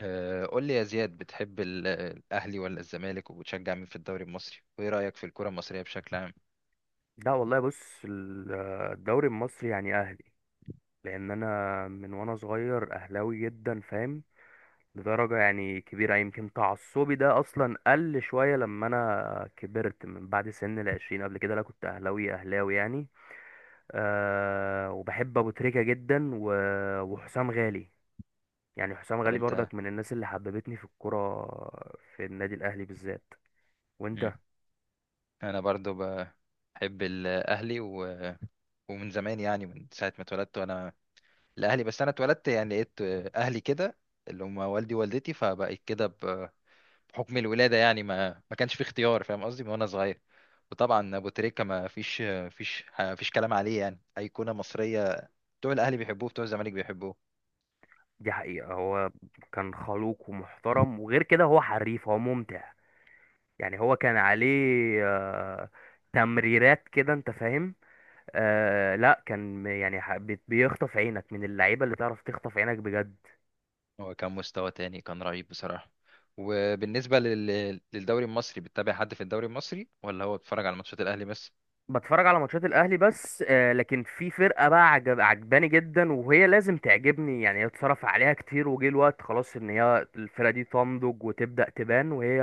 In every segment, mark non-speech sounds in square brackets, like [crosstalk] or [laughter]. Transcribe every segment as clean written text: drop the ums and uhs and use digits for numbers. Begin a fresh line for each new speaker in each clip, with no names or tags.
قول لي يا زياد، بتحب الأهلي ولا الزمالك، وبتشجع مين في الدوري المصري، وإيه رأيك في الكرة المصرية بشكل عام؟
لا والله، بص، الدوري المصري يعني اهلي. لان انا من وانا صغير اهلاوي جدا، فاهم؟ لدرجه يعني كبيره، يمكن تعصبي ده اصلا قل شويه لما انا كبرت من بعد سن العشرين. قبل كده لا، كنت اهلاوي اهلاوي يعني. أه، وبحب ابو تريكه جدا و- وحسام غالي. يعني حسام
طب
غالي
أنت.
برضك من الناس اللي حببتني في الكوره، في النادي الاهلي بالذات.
مم.
وانت؟
أنا برضو بحب الأهلي و... ومن زمان، يعني من ساعة ما اتولدت وأنا الأهلي. بس أنا اتولدت يعني لقيت أهلي كده، اللي هم والدي ووالدتي، فبقيت كده بحكم الولادة. يعني ما كانش في اختيار، فاهم قصدي، من وأنا صغير. وطبعا أبو تريكة ما فيش فيش كلام عليه، يعني أيقونة مصرية، بتوع الأهلي بيحبوه، بتوع الزمالك بيحبوه.
دي حقيقه. هو كان خلوق ومحترم، وغير كده هو حريف، هو ممتع. يعني هو كان عليه آه، تمريرات كده، انت فاهم؟ لا، كان يعني بيخطف عينك، من اللعيبه اللي تعرف تخطف عينك بجد.
هو كان مستوى تاني، كان رهيب بصراحة. وبالنسبة للدوري المصري، بتتابع حد في الدوري المصري، ولا هو بتتفرج على ماتشات الأهلي بس؟
بتفرج على ماتشات الاهلي بس. لكن في فرقه بقى عجب عجباني جدا، وهي لازم تعجبني، يعني اتصرف عليها كتير وجه الوقت خلاص ان هي الفرقه دي تنضج وتبدا تبان. وهي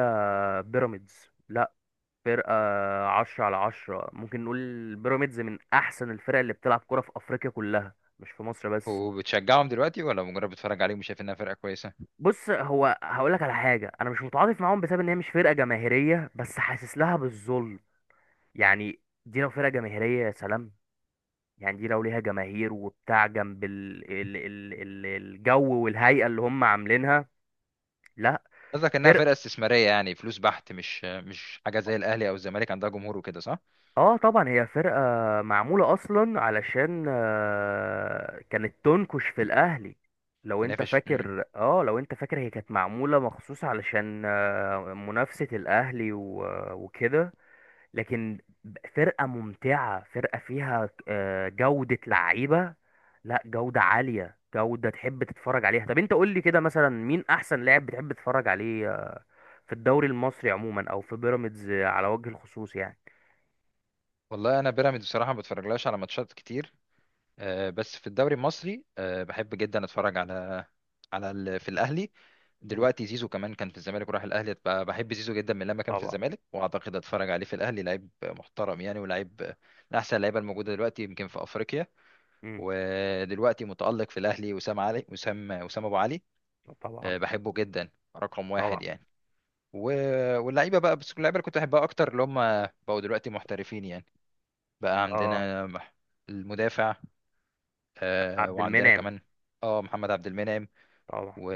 بيراميدز، لا فرقه عشرة على عشرة، ممكن نقول بيراميدز من احسن الفرق اللي بتلعب كرة في افريقيا كلها، مش في مصر بس.
وبتشجعهم دلوقتي، ولا مجرد بتتفرج عليهم وشايف إنها فرقة كويسة؟
بص، هو هقول لك على حاجه. انا مش متعاطف معاهم بسبب ان هي مش فرقه جماهيريه، بس حاسس لها بالظلم. يعني دي لو فرقه جماهيريه، يا سلام. يعني دي لو ليها جماهير وبتاع جنب الجو والهيئه اللي هم عاملينها. لا،
قصدك إنها
فرقه.
فرقة استثمارية، يعني فلوس بحت، مش حاجة زي الأهلي أو الزمالك، عندها جمهور وكده، صح؟
اه طبعا، هي فرقه معموله اصلا علشان كانت تنكش في الاهلي. لو انت
تنافس. مم.
فاكر، هي كانت معموله مخصوص علشان منافسه الاهلي و... وكده. لكن فرقة ممتعة، فرقة فيها جودة لعيبة، لا جودة عالية، جودة تحب تتفرج عليها. طب انت قول لي كده مثلا، مين احسن لاعب بتحب تتفرج عليه في الدوري المصري عموما، او في بيراميدز على وجه الخصوص يعني؟
والله أنا بيراميدز بصراحة ما بتفرجلهاش على ماتشات كتير. بس في الدوري المصري، بحب جدا اتفرج على على في الاهلي
مم،
دلوقتي. زيزو كمان كان في الزمالك وراح الاهلي، بحب زيزو جدا من لما كان في
طبعا.
الزمالك، واعتقد اتفرج عليه في الاهلي. لعيب محترم يعني، ولاعيب من احسن اللعيبه الموجوده دلوقتي يمكن في افريقيا.
مم،
ودلوقتي متالق في الاهلي وسام علي، وسام ابو علي،
طبعا
بحبه جدا، رقم واحد
طبعا.
يعني. واللعيبه بقى، بس اللعيبه اللي كنت احبها اكتر، اللي هم بقوا دلوقتي محترفين يعني. بقى
اه،
عندنا المدافع، آه،
عبد
وعندنا
المنعم.
كمان، اه محمد عبد المنعم،
طبعا.
و...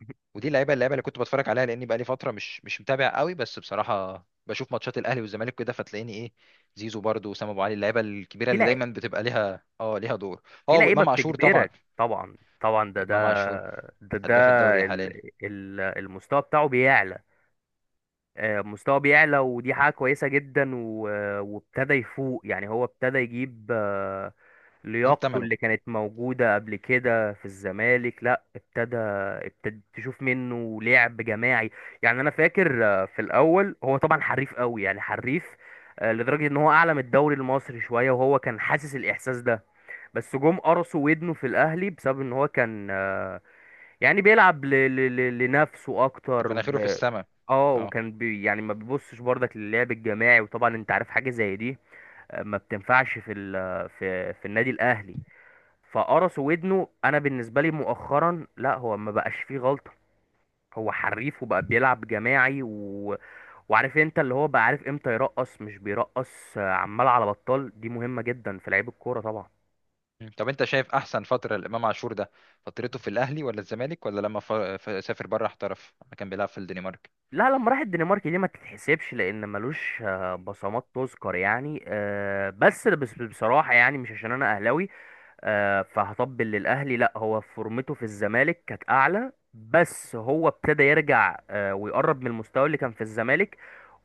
[laughs]
ودي اللعيبه، اللعيبه اللي كنت بتفرج عليها، لاني بقالي فتره مش متابع قوي. بس بصراحه بشوف ماتشات الاهلي والزمالك كده، فتلاقيني ايه، زيزو برضو، وسام ابو علي، اللعيبه الكبيره
في
اللي
لع...
دايما بتبقى ليها اه ليها دور.
في
اه
لعيبة
وامام عاشور طبعا.
بتجبرك، طبعا طبعا. ده ده
امام عاشور
ده ده
هداف الدوري
ال...
حاليا،
المستوى بتاعه بيعلى. مستواه بيعلى، ودي حاجة كويسة جدا، و- آه، وابتدى يفوق. يعني هو ابتدى يجيب
يجيب
لياقته
ثمنه.
اللي كانت موجودة قبل كده في الزمالك. لا، ابتدى تشوف منه لعب جماعي. يعني انا فاكر في الاول هو طبعا حريف قوي، يعني حريف لدرجة ان هو اعلى من الدوري المصري شوية، وهو كان حاسس الاحساس ده. بس جم قرصوا ودنه في الاهلي بسبب ان هو كان يعني بيلعب لنفسه
كانت
اكتر.
مناخيره في السماء.
اه،
اه.
وكان يعني ما بيبصش برضك للعب الجماعي، وطبعا انت عارف حاجه زي دي. ما بتنفعش في ال في في النادي الاهلي. فقرص ودنه. انا بالنسبه لي مؤخرا، لا، هو ما بقاش فيه غلطه. هو حريف وبقى بيلعب جماعي و... وعارف انت، اللي هو بقى عارف امتى يرقص، مش بيرقص عمال على بطال. دي مهمه جدا في لعيب الكوره طبعا.
مم. طب انت شايف احسن فتره لامام عاشور ده، فترته في الاهلي، ولا الزمالك، ولا لما سافر بره احترف لما كان بيلعب في الدنمارك؟
لا، لما راح الدنمارك دي ما تتحسبش، لان ملوش بصمات تذكر يعني. بس بس بصراحه، يعني مش عشان انا اهلاوي فهطبل للاهلي. لا، هو فورمته في الزمالك كانت اعلى، بس هو ابتدى يرجع ويقرب من المستوى اللي كان في الزمالك.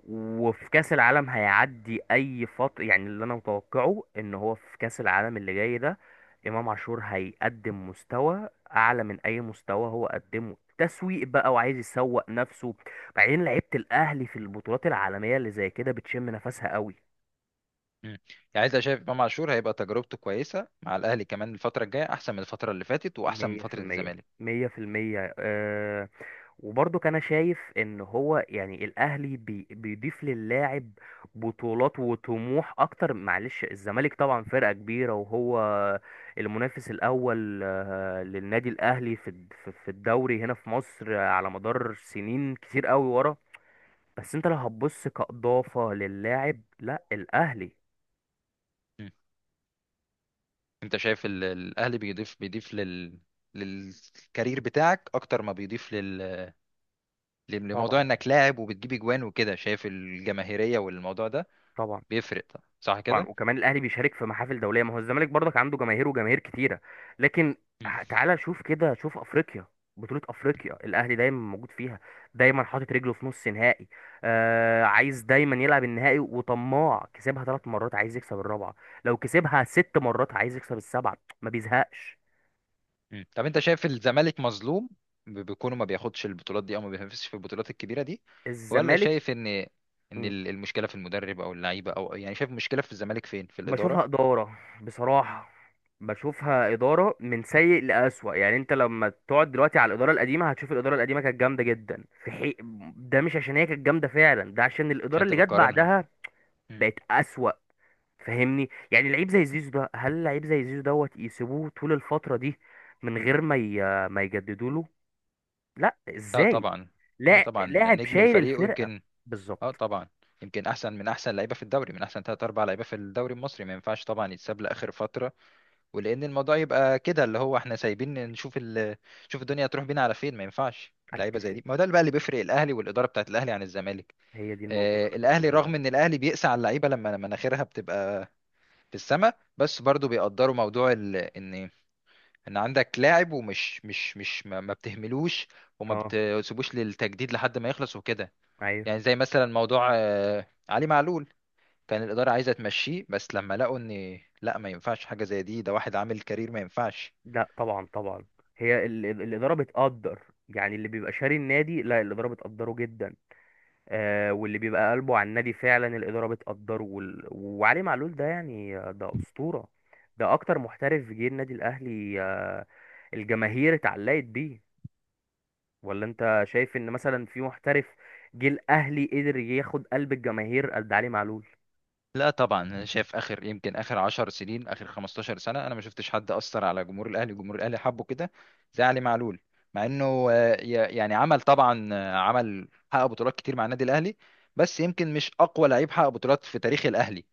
وفي كاس العالم هيعدي اي فتره. يعني اللي انا متوقعه ان هو في كاس العالم اللي جاي ده، امام عاشور هيقدم مستوى اعلى من اي مستوى هو قدمه. تسويق بقى، وعايز يسوق نفسه. بعدين لعيبه الاهلي في البطولات العالميه اللي زي كده بتشم نفسها قوي.
مم. يعني انت شايف امام عاشور هيبقى تجربته كويسه مع الاهلي كمان الفتره الجايه، احسن من الفتره اللي فاتت، واحسن من فتره
100%.
الزمالك؟
100%. وبرضك انا شايف ان هو يعني الاهلي بيضيف للاعب بطولات وطموح اكتر. معلش، الزمالك طبعا فرقة كبيرة، وهو المنافس الاول للنادي الاهلي في الدوري هنا في مصر على مدار سنين كتير قوي ورا. بس انت لو هتبص كإضافة للاعب، لا الاهلي.
مم. انت شايف الاهلي بيضيف لل للكارير بتاعك، اكتر ما بيضيف لموضوع
طبعا.
انك لاعب وبتجيب اجوان وكده؟ شايف الجماهيريه والموضوع ده
طبعا.
بيفرق طبعا، صح
طبعا.
كده؟
وكمان الاهلي بيشارك في محافل دوليه، ما هو الزمالك برضك عنده جماهير وجماهير كتيره، لكن
مم.
تعالى شوف كده، شوف افريقيا. بطوله افريقيا الاهلي دايما موجود فيها، دايما حاطط رجله في نص نهائي. عايز دايما يلعب النهائي، وطماع. كسبها 3 مرات، عايز يكسب الرابعه. لو كسبها 6 مرات، عايز يكسب السبعه، ما بيزهقش.
مم. طب انت شايف الزمالك مظلوم بكونه ما بياخدش البطولات دي، او ما بينافسش في البطولات الكبيره دي؟ ولا
الزمالك،
شايف ان ان المشكله في المدرب او اللعيبه، او يعني شايف المشكله في الزمالك فين، في الاداره؟
بشوفها إدارة بصراحة. بشوفها إدارة من سيء لأسوأ. يعني أنت لما تقعد دلوقتي على الإدارة القديمة، هتشوف الإدارة القديمة كانت جامدة جدا ده مش عشان هي كانت جامدة فعلا، ده عشان
مش
الإدارة
انت
اللي جت
بتقارنها.
بعدها
مم.
بقت أسوأ. فاهمني؟ يعني لعيب زي زيزو ده، هل لعيب زي زيزو دوت يسيبوه طول الفترة دي من غير ما ما يجددوا له؟ لا،
لا
ازاي؟
طبعا. لا
لا،
طبعا،
لاعب
نجم
شايل
الفريق،
الفرقة.
ويمكن، اه
بالظبط.
طبعا، يمكن احسن من احسن لعيبه في الدوري، من احسن ثلاث اربع لعيبه في الدوري المصري، ما ينفعش طبعا يتساب لاخر فتره. ولان الموضوع يبقى كده، اللي هو احنا سايبين نشوف نشوف الدنيا تروح بينا على فين، ما ينفعش لعيبه زي
اتفق.
دي. ما هو ده اللي بقى اللي بيفرق الاهلي والاداره بتاعت الاهلي عن الزمالك.
هي دي النقطة اللي انا
آه
كنت
الاهلي،
بقول لك
رغم
عليها.
ان الاهلي بيقسى على اللعيبه لما مناخيرها بتبقى في السماء، بس برضو بيقدروا موضوع ان ان عندك لاعب، ومش مش مش ما بتهملوش وما
اه.
بتسيبوش للتجديد لحد ما يخلص وكده.
ايوه.
يعني زي مثلا موضوع علي معلول. كان الإدارة عايزة تمشيه، بس لما لقوا ان لا ما ينفعش حاجة زي دي، ده واحد عامل كارير، ما ينفعش.
لا طبعا. طبعا، هي الإدارة بتقدر. يعني اللي بيبقى شاري النادي، لا، الإدارة بتقدره جدا. واللي بيبقى قلبه على النادي فعلا، الإدارة بتقدره وال... وعلي معلول ده، يعني ده أسطورة. ده أكتر محترف جه النادي الأهلي، الجماهير اتعلقت بيه. ولا أنت شايف إن مثلا في محترف جه الأهلي قدر ياخد قلب الجماهير قد علي معلول؟
لا طبعا، انا شايف اخر يمكن اخر 10 سنين، اخر 15 سنه، انا ما شفتش حد اثر على جمهور الاهلي، جمهور الاهلي حبه كده زي علي معلول. مع انه يعني عمل طبعا، عمل حقق بطولات كتير مع النادي الاهلي، بس يمكن مش اقوى لعيب حقق بطولات في تاريخ الاهلي.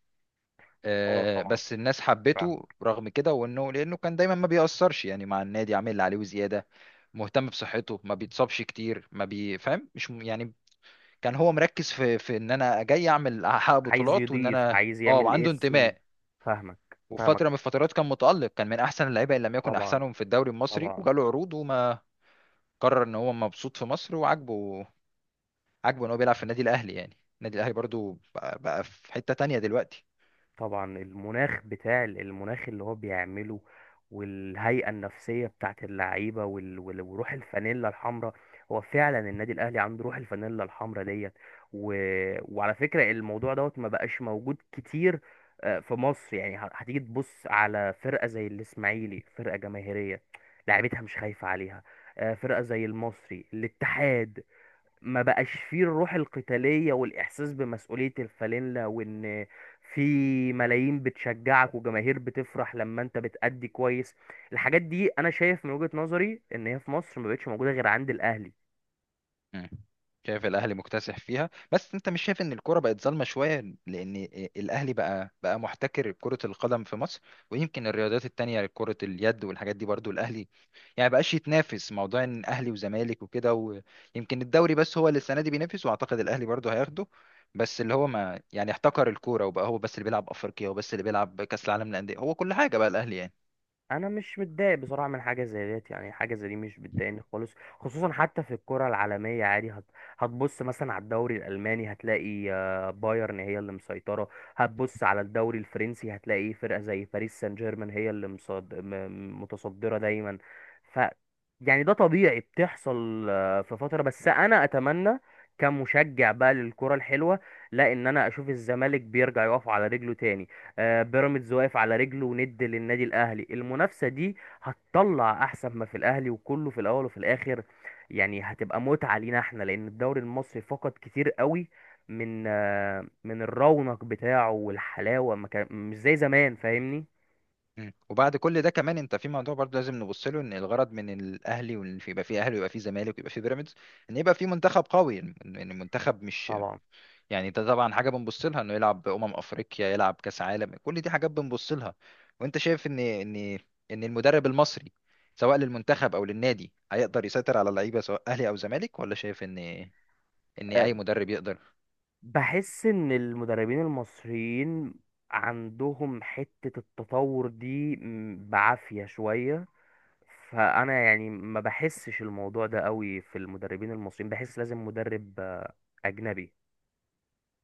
اه طبعا.
بس الناس
فاهم.
حبته رغم كده، وانه لانه كان دايما ما بيأثرش يعني مع النادي، عامل اللي عليه وزياده، مهتم بصحته، ما بيتصابش كتير، ما بيفهم، مش م- يعني كان هو مركز في في ان انا جاي اعمل، احقق
عايز
بطولات، وان
يضيف،
انا
عايز
اه،
يعمل
وعنده
اسم.
انتماء.
فاهمك.
وفي
فاهمك.
فتره من الفترات كان متألق، كان من احسن اللعيبه ان لم يكن
طبعا.
احسنهم في الدوري المصري،
طبعا.
وجاله عروض، وما قرر ان هو مبسوط في مصر وعاجبه، عاجبه ان هو بيلعب في النادي الاهلي، يعني النادي الاهلي برضو بقى في حته تانية دلوقتي.
طبعا. المناخ اللي هو بيعمله، والهيئة النفسية بتاعت اللعيبة، وال- وال- وروح الفانيلا الحمراء. هو فعلا النادي الأهلي عنده روح الفانيلا الحمراء ديت. و... وعلى فكرة الموضوع دوت ما بقاش موجود كتير في مصر. يعني هتيجي تبص على فرقة زي الإسماعيلي، فرقة جماهيرية، لعيبتها مش خايفة عليها. فرقة زي المصري الاتحاد، ما بقاش فيه الروح القتالية والإحساس بمسؤولية الفانلة، وإن في ملايين بتشجعك، وجماهير بتفرح لما أنت بتأدي كويس. الحاجات دي أنا شايف من وجهة نظري إن هي في مصر ما بقتش موجودة غير عند الأهلي.
مم. شايف الاهلي مكتسح فيها، بس انت مش شايف ان الكوره بقت ظالمه شويه لان الاهلي بقى محتكر كره القدم في مصر؟ ويمكن الرياضات التانية، يعني كره اليد والحاجات دي برضو الاهلي، يعني بقاش يتنافس موضوع ان اهلي وزمالك وكده، ويمكن الدوري بس هو اللي السنه دي بينافس، واعتقد الاهلي برضو هياخده. بس اللي هو ما يعني احتكر الكوره، وبقى هو بس اللي بيلعب افريقيا، وبس اللي بيلعب كاس العالم للانديه، هو كل حاجه بقى الاهلي يعني.
انا مش متضايق بصراحه من حاجه زي ديت، يعني حاجه زي دي مش بتضايقني خالص. خصوصا حتى في الكره العالميه عادي، هتبص مثلا على الدوري الالماني، هتلاقي بايرن هي اللي مسيطره. هتبص على الدوري الفرنسي، هتلاقي فرقه زي باريس سان جيرمان هي اللي متصدره دايما. ف يعني ده طبيعي، بتحصل في فتره. بس انا اتمنى كمشجع بقى للكره الحلوه، لا، ان انا اشوف الزمالك بيرجع يقف على رجله تاني. بيراميدز واقف على رجله، وند للنادي الاهلي. المنافسه دي هتطلع احسن ما في الاهلي، وكله في الاول وفي الاخر. يعني هتبقى متعه لينا احنا، لان الدوري المصري فقد كتير قوي من الرونق بتاعه والحلاوه، ما كان مش زي زمان. فاهمني؟
مم. وبعد كل ده كمان، انت في موضوع برضه لازم نبص له، ان الغرض من الاهلي وان يبقى فيه اهلي ويبقى فيه زمالك ويبقى فيه بيراميدز، ان يبقى فيه منتخب قوي، ان إن المنتخب مش
طبعا.
يعني، ده طبعا حاجه بنبص لها، انه يلعب افريقيا، يلعب كاس عالم، كل دي حاجات بنبص لها. وانت شايف ان ان ان المدرب المصري، سواء للمنتخب او للنادي، هيقدر يسيطر على اللعيبه سواء اهلي او زمالك، ولا شايف ان ان
آه،
اي مدرب يقدر؟
بحس ان المدربين المصريين عندهم حته التطور دي بعافيه شويه. فانا يعني ما بحسش الموضوع ده قوي في المدربين المصريين. بحس لازم مدرب اجنبي.